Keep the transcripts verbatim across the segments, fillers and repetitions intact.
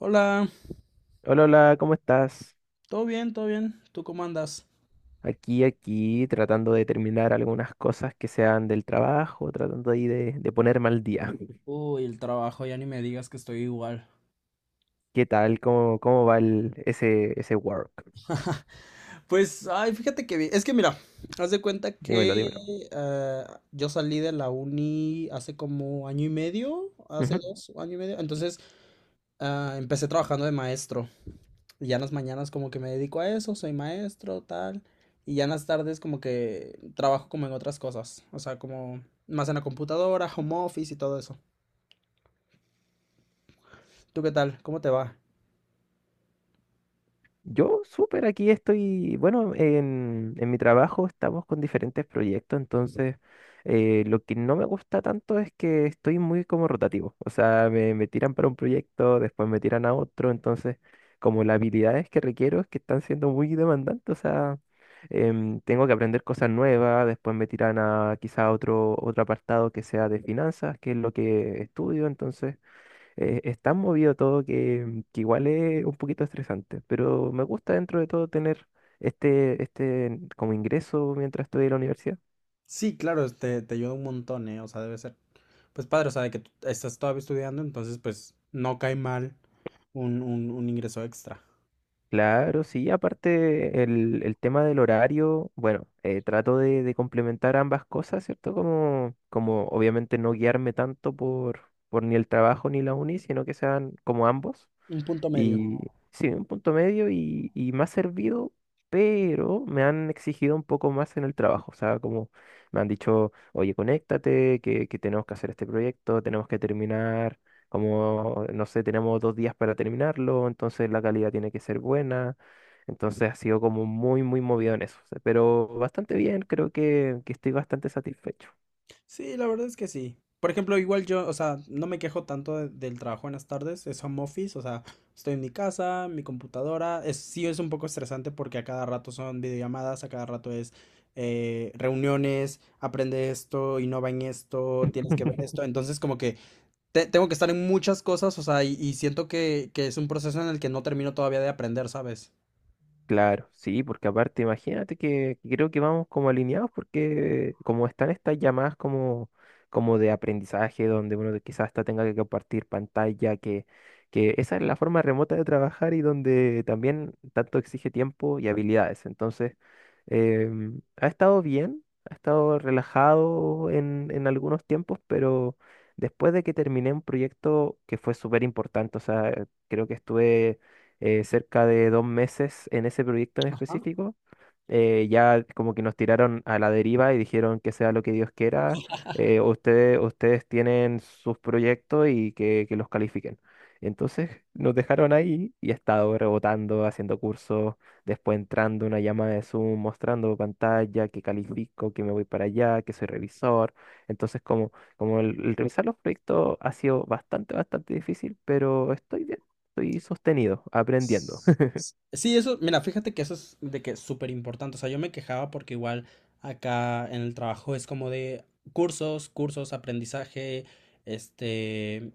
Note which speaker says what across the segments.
Speaker 1: Hola,
Speaker 2: Hola, hola, ¿cómo estás?
Speaker 1: todo bien, todo bien. ¿Tú cómo andas?
Speaker 2: Aquí, aquí, tratando de terminar algunas cosas que sean del trabajo, tratando ahí de, de ponerme al día.
Speaker 1: Uy, el trabajo, ya ni me digas que estoy igual.
Speaker 2: ¿Qué tal? ¿Cómo, cómo va el, ese, ese work?
Speaker 1: Pues, ay, fíjate que bien. Es que mira, haz de cuenta que
Speaker 2: Dímelo, dímelo.
Speaker 1: eh, yo salí de la uni hace como año y medio, hace dos, año y medio. Entonces, ah, empecé trabajando de maestro. Y ya en las mañanas como que me dedico a eso, soy maestro, tal. Y ya en las tardes como que trabajo como en otras cosas. O sea, como más en la computadora, home office y todo eso. ¿Tú qué tal? ¿Cómo te va?
Speaker 2: Yo súper aquí estoy, bueno, en, en mi trabajo estamos con diferentes proyectos, entonces eh, lo que no me gusta tanto es que estoy muy como rotativo, o sea, me, me tiran para un proyecto, después me tiran a otro, entonces como las habilidades que requiero es que están siendo muy demandantes, o sea, em, tengo que aprender cosas nuevas, después me tiran a quizá otro, otro apartado que sea de finanzas, que es lo que estudio, entonces eh, es tan movido todo que, que igual es un poquito estresante, pero me gusta dentro de todo tener este, este como ingreso mientras estoy en la universidad.
Speaker 1: Sí, claro, te, te ayuda un montón, ¿eh? O sea, debe ser, pues padre, o sea, de que tú estás todavía estudiando, entonces pues no cae mal un, un, un ingreso extra.
Speaker 2: Claro, sí, aparte el, el tema del horario, bueno, eh, trato de, de complementar ambas cosas, ¿cierto? Como, como obviamente no guiarme tanto por, por ni el trabajo ni la uni, sino que sean como ambos.
Speaker 1: Un punto medio.
Speaker 2: Y sí, un punto medio y, y me ha servido, pero me han exigido un poco más en el trabajo. O sea, como me han dicho, oye, conéctate, que, que tenemos que hacer este proyecto, tenemos que terminar, como, no sé, tenemos dos días para terminarlo, entonces la calidad tiene que ser buena. Entonces ha sido como muy, muy movido en eso. O sea, pero bastante bien, creo que, que estoy bastante satisfecho.
Speaker 1: Sí, la verdad es que sí. Por ejemplo, igual yo, o sea, no me quejo tanto de- del trabajo en las tardes, es home office, o sea, estoy en mi casa, mi computadora, es, sí es un poco estresante porque a cada rato son videollamadas, a cada rato es eh, reuniones, aprende esto, innova en esto, tienes que ver esto, entonces como que te- tengo que estar en muchas cosas, o sea, y, y siento que, que es un proceso en el que no termino todavía de aprender, ¿sabes?
Speaker 2: Claro, sí, porque aparte imagínate que que creo que vamos como alineados porque como están estas llamadas como, como de aprendizaje donde uno quizás hasta tenga que compartir pantalla, que, que esa es la forma remota de trabajar y donde también tanto exige tiempo y habilidades. Entonces, em, ha estado bien, ha estado relajado en, en algunos tiempos, pero después de que terminé un proyecto que fue súper importante, o sea, creo que estuve eh, cerca de dos meses en ese proyecto en específico. Eh, ya como que nos tiraron a la deriva y dijeron que sea lo que Dios quiera, eh, ustedes, ustedes tienen sus proyectos y que, que los califiquen. Entonces nos dejaron ahí y he estado rebotando, haciendo cursos, después entrando una llamada de Zoom, mostrando pantalla, que califico, que me voy para allá, que soy revisor. Entonces como, como el, el revisar los proyectos ha sido bastante, bastante difícil, pero estoy bien. Estoy sostenido, aprendiendo.
Speaker 1: Sí, eso, mira, fíjate que eso es de que es súper importante. O sea, yo me quejaba porque igual acá en el trabajo es como de cursos, cursos, aprendizaje, este,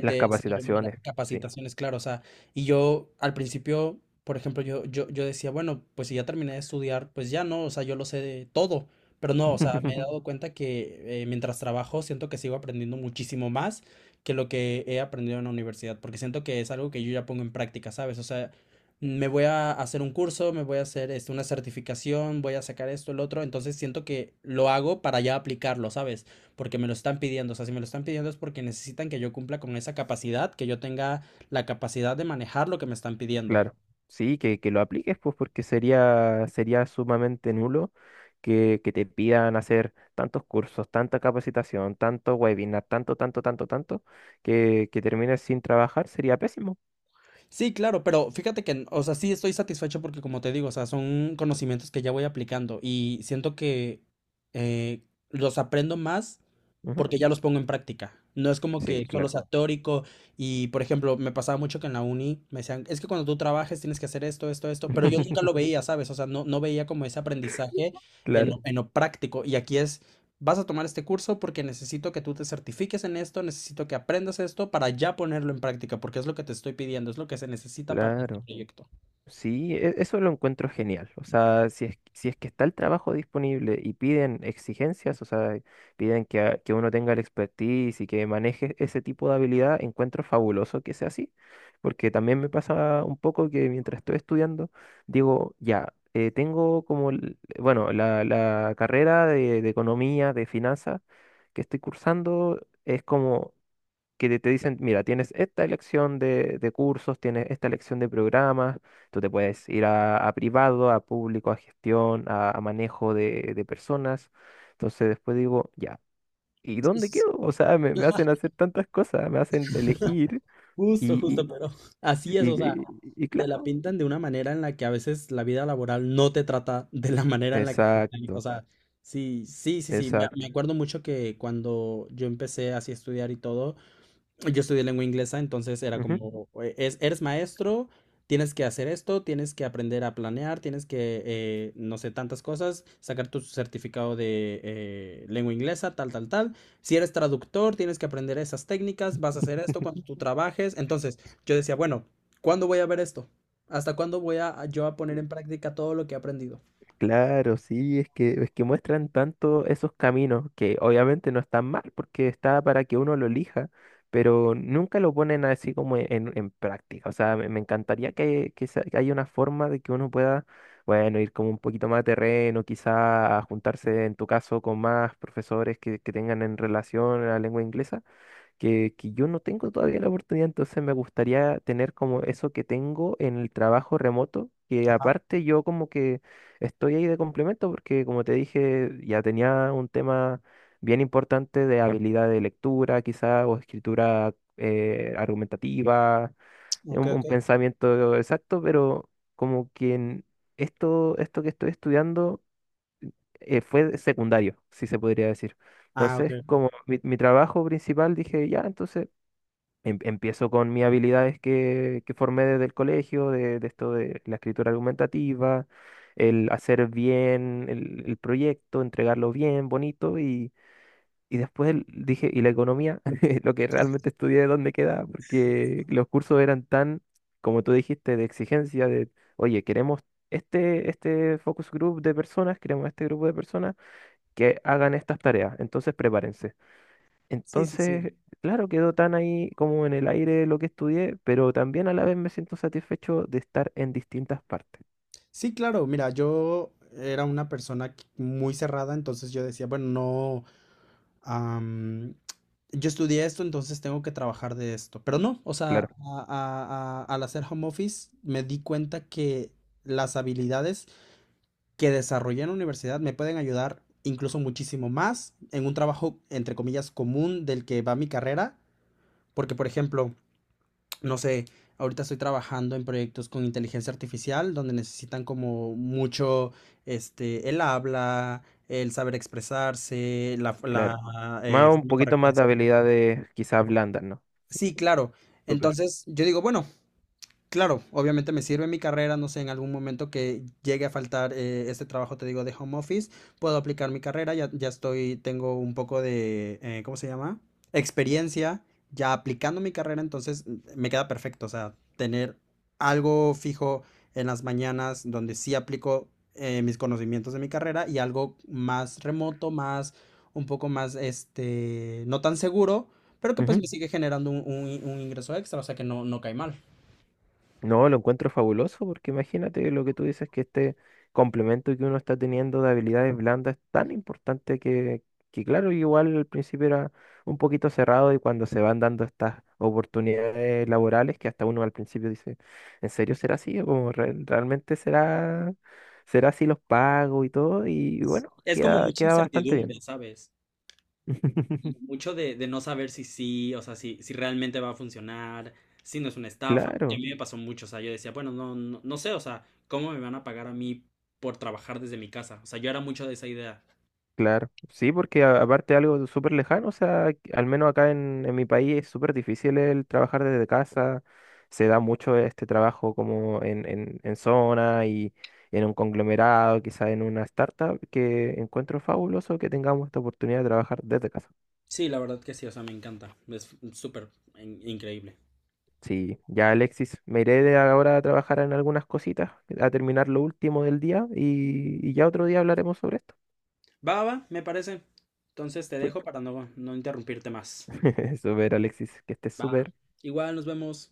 Speaker 2: Las
Speaker 1: eh, mira,
Speaker 2: capacitaciones, sí.
Speaker 1: capacitaciones, claro. O sea, y yo al principio, por ejemplo, yo, yo, yo decía, bueno, pues si ya terminé de estudiar, pues ya no, o sea, yo lo sé de todo. Pero no, o sea, me he dado cuenta que eh, mientras trabajo siento que sigo aprendiendo muchísimo más que lo que he aprendido en la universidad, porque siento que es algo que yo ya pongo en práctica, ¿sabes? O sea, me voy a hacer un curso, me voy a hacer este, una certificación, voy a sacar esto, el otro, entonces siento que lo hago para ya aplicarlo, ¿sabes? Porque me lo están pidiendo, o sea, si me lo están pidiendo es porque necesitan que yo cumpla con esa capacidad, que yo tenga la capacidad de manejar lo que me están pidiendo.
Speaker 2: Claro. Sí, que, que lo apliques, pues, porque sería, sería sumamente nulo que, que te pidan hacer tantos cursos, tanta capacitación, tanto webinar, tanto, tanto, tanto, tanto, que, que termines sin trabajar, sería pésimo.
Speaker 1: Sí, claro, pero fíjate que, o sea, sí estoy satisfecho porque como te digo, o sea, son conocimientos que ya voy aplicando y siento que eh, los aprendo más
Speaker 2: Ujú.
Speaker 1: porque ya los pongo en práctica. No es como que
Speaker 2: Sí,
Speaker 1: solo
Speaker 2: claro.
Speaker 1: sea teórico y, por ejemplo, me pasaba mucho que en la uni me decían, es que cuando tú trabajes tienes que hacer esto, esto, esto, pero yo nunca lo veía, ¿sabes? O sea, no, no veía como ese aprendizaje en,
Speaker 2: Claro,
Speaker 1: lo- en lo práctico. Y aquí es, vas a tomar este curso porque necesito que tú te certifiques en esto, necesito que aprendas esto para ya ponerlo en práctica, porque es lo que te estoy pidiendo, es lo que se necesita para este
Speaker 2: claro.
Speaker 1: proyecto.
Speaker 2: Sí, e- eso lo encuentro genial. O sea, si es, si es que está el trabajo disponible y piden exigencias, o sea, piden que, a- que uno tenga el expertise y que maneje ese tipo de habilidad, encuentro fabuloso que sea así, porque también me pasa un poco que mientras estoy estudiando, digo, ya, eh, tengo como, el- bueno, la, la carrera de, de economía, de finanzas que estoy cursando es como que te dicen, mira, tienes esta elección de, de cursos, tienes esta elección de programas, tú te puedes ir a, a privado, a público, a gestión, a, a manejo de, de personas. Entonces después digo, ya, ¿y
Speaker 1: Sí,
Speaker 2: dónde
Speaker 1: sí, sí.
Speaker 2: quedo? O sea, me, me hacen hacer tantas cosas, me hacen elegir
Speaker 1: Justo, justo,
Speaker 2: y,
Speaker 1: pero así
Speaker 2: y,
Speaker 1: es, o
Speaker 2: y,
Speaker 1: sea,
Speaker 2: y- y
Speaker 1: te la
Speaker 2: claro.
Speaker 1: pintan de una manera en la que a veces la vida laboral no te trata de la manera en la que te están- o
Speaker 2: Exacto,
Speaker 1: sea, sí, sí, sí, sí, me, me
Speaker 2: exacto.
Speaker 1: acuerdo mucho que cuando yo empecé así a estudiar y todo, yo estudié lengua inglesa, entonces era como, eh, es, eres maestro, tienes que hacer esto, tienes que aprender a planear, tienes que, eh, no sé, tantas cosas, sacar tu certificado de eh, lengua inglesa, tal, tal, tal. Si eres traductor, tienes que aprender esas técnicas, vas a hacer esto cuando tú trabajes. Entonces, yo decía, bueno, ¿cuándo voy a ver esto? ¿Hasta cuándo voy a yo a poner en práctica todo lo que he aprendido?
Speaker 2: Claro, sí, es que, es que muestran tanto esos caminos que obviamente no están mal porque está para que uno lo elija, pero nunca lo ponen así como e-, en, en práctica. O sea, me, me encantaría que, que, se- que haya una forma de que uno pueda, bueno, ir como un poquito más a terreno, quizá a juntarse en tu caso con más profesores que, que tengan en relación a la lengua inglesa que, que yo no tengo todavía la oportunidad, entonces me gustaría tener como eso que tengo en el trabajo remoto, que
Speaker 1: Ajá.
Speaker 2: aparte yo como que estoy ahí de complemento, porque como te dije, ya tenía un tema bien importante de habilidad de lectura, quizá, o escritura eh, argumentativa,
Speaker 1: Ok,
Speaker 2: un, un
Speaker 1: ok.
Speaker 2: pensamiento exacto, pero como que en esto, esto que estoy estudiando eh, fue secundario, si se podría decir.
Speaker 1: Ah,
Speaker 2: Entonces,
Speaker 1: ok.
Speaker 2: como mi, mi trabajo principal, dije, ya, entonces em- empiezo con mis habilidades que, que formé desde el colegio, de, de esto de la escritura argumentativa, el hacer bien el, el proyecto, entregarlo bien, bonito, y, y después el- dije, y la economía, lo que realmente estudié, ¿dónde queda? Porque los cursos eran tan, como tú dijiste, de exigencia, de, oye, queremos... Este, este focus group de personas, queremos este grupo de personas que hagan estas tareas, entonces prepárense.
Speaker 1: Sí, sí, sí.
Speaker 2: Entonces, claro, quedó tan ahí como en el aire lo que estudié, pero también a la vez me siento satisfecho de estar en distintas partes.
Speaker 1: Sí, claro, mira, yo era una persona que- muy cerrada, entonces yo decía, bueno, no, am, yo estudié esto, entonces tengo que trabajar de esto. Pero no, o sea,
Speaker 2: Claro,
Speaker 1: a- a- a- al hacer home office me di cuenta que las habilidades que desarrollé en la universidad me pueden ayudar incluso muchísimo más en un trabajo, entre comillas, común del que va mi carrera, porque, por ejemplo, no sé, ahorita estoy trabajando en proyectos con inteligencia artificial donde necesitan como mucho, este, el habla, el saber expresarse, la,
Speaker 2: claro.
Speaker 1: la
Speaker 2: Más
Speaker 1: eh,
Speaker 2: un
Speaker 1: forma
Speaker 2: poquito
Speaker 1: correcta de
Speaker 2: más de
Speaker 1: escribir.
Speaker 2: habilidades quizás blandas, ¿no?
Speaker 1: Sí, claro.
Speaker 2: Súper.
Speaker 1: Entonces yo digo, bueno, claro, obviamente me sirve mi carrera, no sé, en algún momento que llegue a faltar eh, este trabajo, te digo, de home office, puedo aplicar mi carrera, ya, ya estoy, tengo un poco de, eh, ¿cómo se llama? Experiencia, ya aplicando mi carrera, entonces me queda perfecto, o sea, tener algo fijo en las mañanas donde sí aplico eh, mis conocimientos de mi carrera y algo más remoto, más, un poco más, este, no tan seguro, pero que pues me sigue generando un, un- un ingreso extra, o sea que no, no cae mal.
Speaker 2: No, lo encuentro fabuloso porque imagínate lo que tú dices, que este complemento que uno está teniendo de habilidades blandas es tan importante que, que claro, igual al principio era un poquito cerrado y cuando se van dando estas oportunidades laborales que hasta uno al principio dice, ¿en serio será así? ¿O como re- realmente será, será así los pagos y todo? Y bueno,
Speaker 1: Es como
Speaker 2: queda,
Speaker 1: mucha
Speaker 2: queda bastante bien.
Speaker 1: incertidumbre, ¿sabes? Y mucho de, de no saber si sí, o sea, si, si realmente va a funcionar, si no es una estafa. Que a
Speaker 2: Claro.
Speaker 1: mí me pasó mucho, o sea, yo decía, bueno, no, no, no sé, o sea, ¿cómo me van a pagar a mí por trabajar desde mi casa? O sea, yo era mucho de esa idea.
Speaker 2: Claro, sí, porque a- aparte algo súper lejano, o sea, al menos acá en, en mi país es súper difícil el trabajar desde casa, se da mucho este trabajo como en, en, en zona y en un conglomerado, quizá en una startup, que encuentro fabuloso que tengamos esta oportunidad de trabajar desde casa.
Speaker 1: Sí, la verdad que sí, o sea, me encanta. Es súper in- increíble.
Speaker 2: Sí, ya Alexis, me iré de ahora a trabajar en algunas cositas, a terminar lo último del día y, y ya otro día hablaremos sobre esto.
Speaker 1: Va, va, me parece. Entonces te dejo para no, no interrumpirte más.
Speaker 2: Súper Alexis, que estés
Speaker 1: Va.
Speaker 2: súper.
Speaker 1: Igual, nos vemos.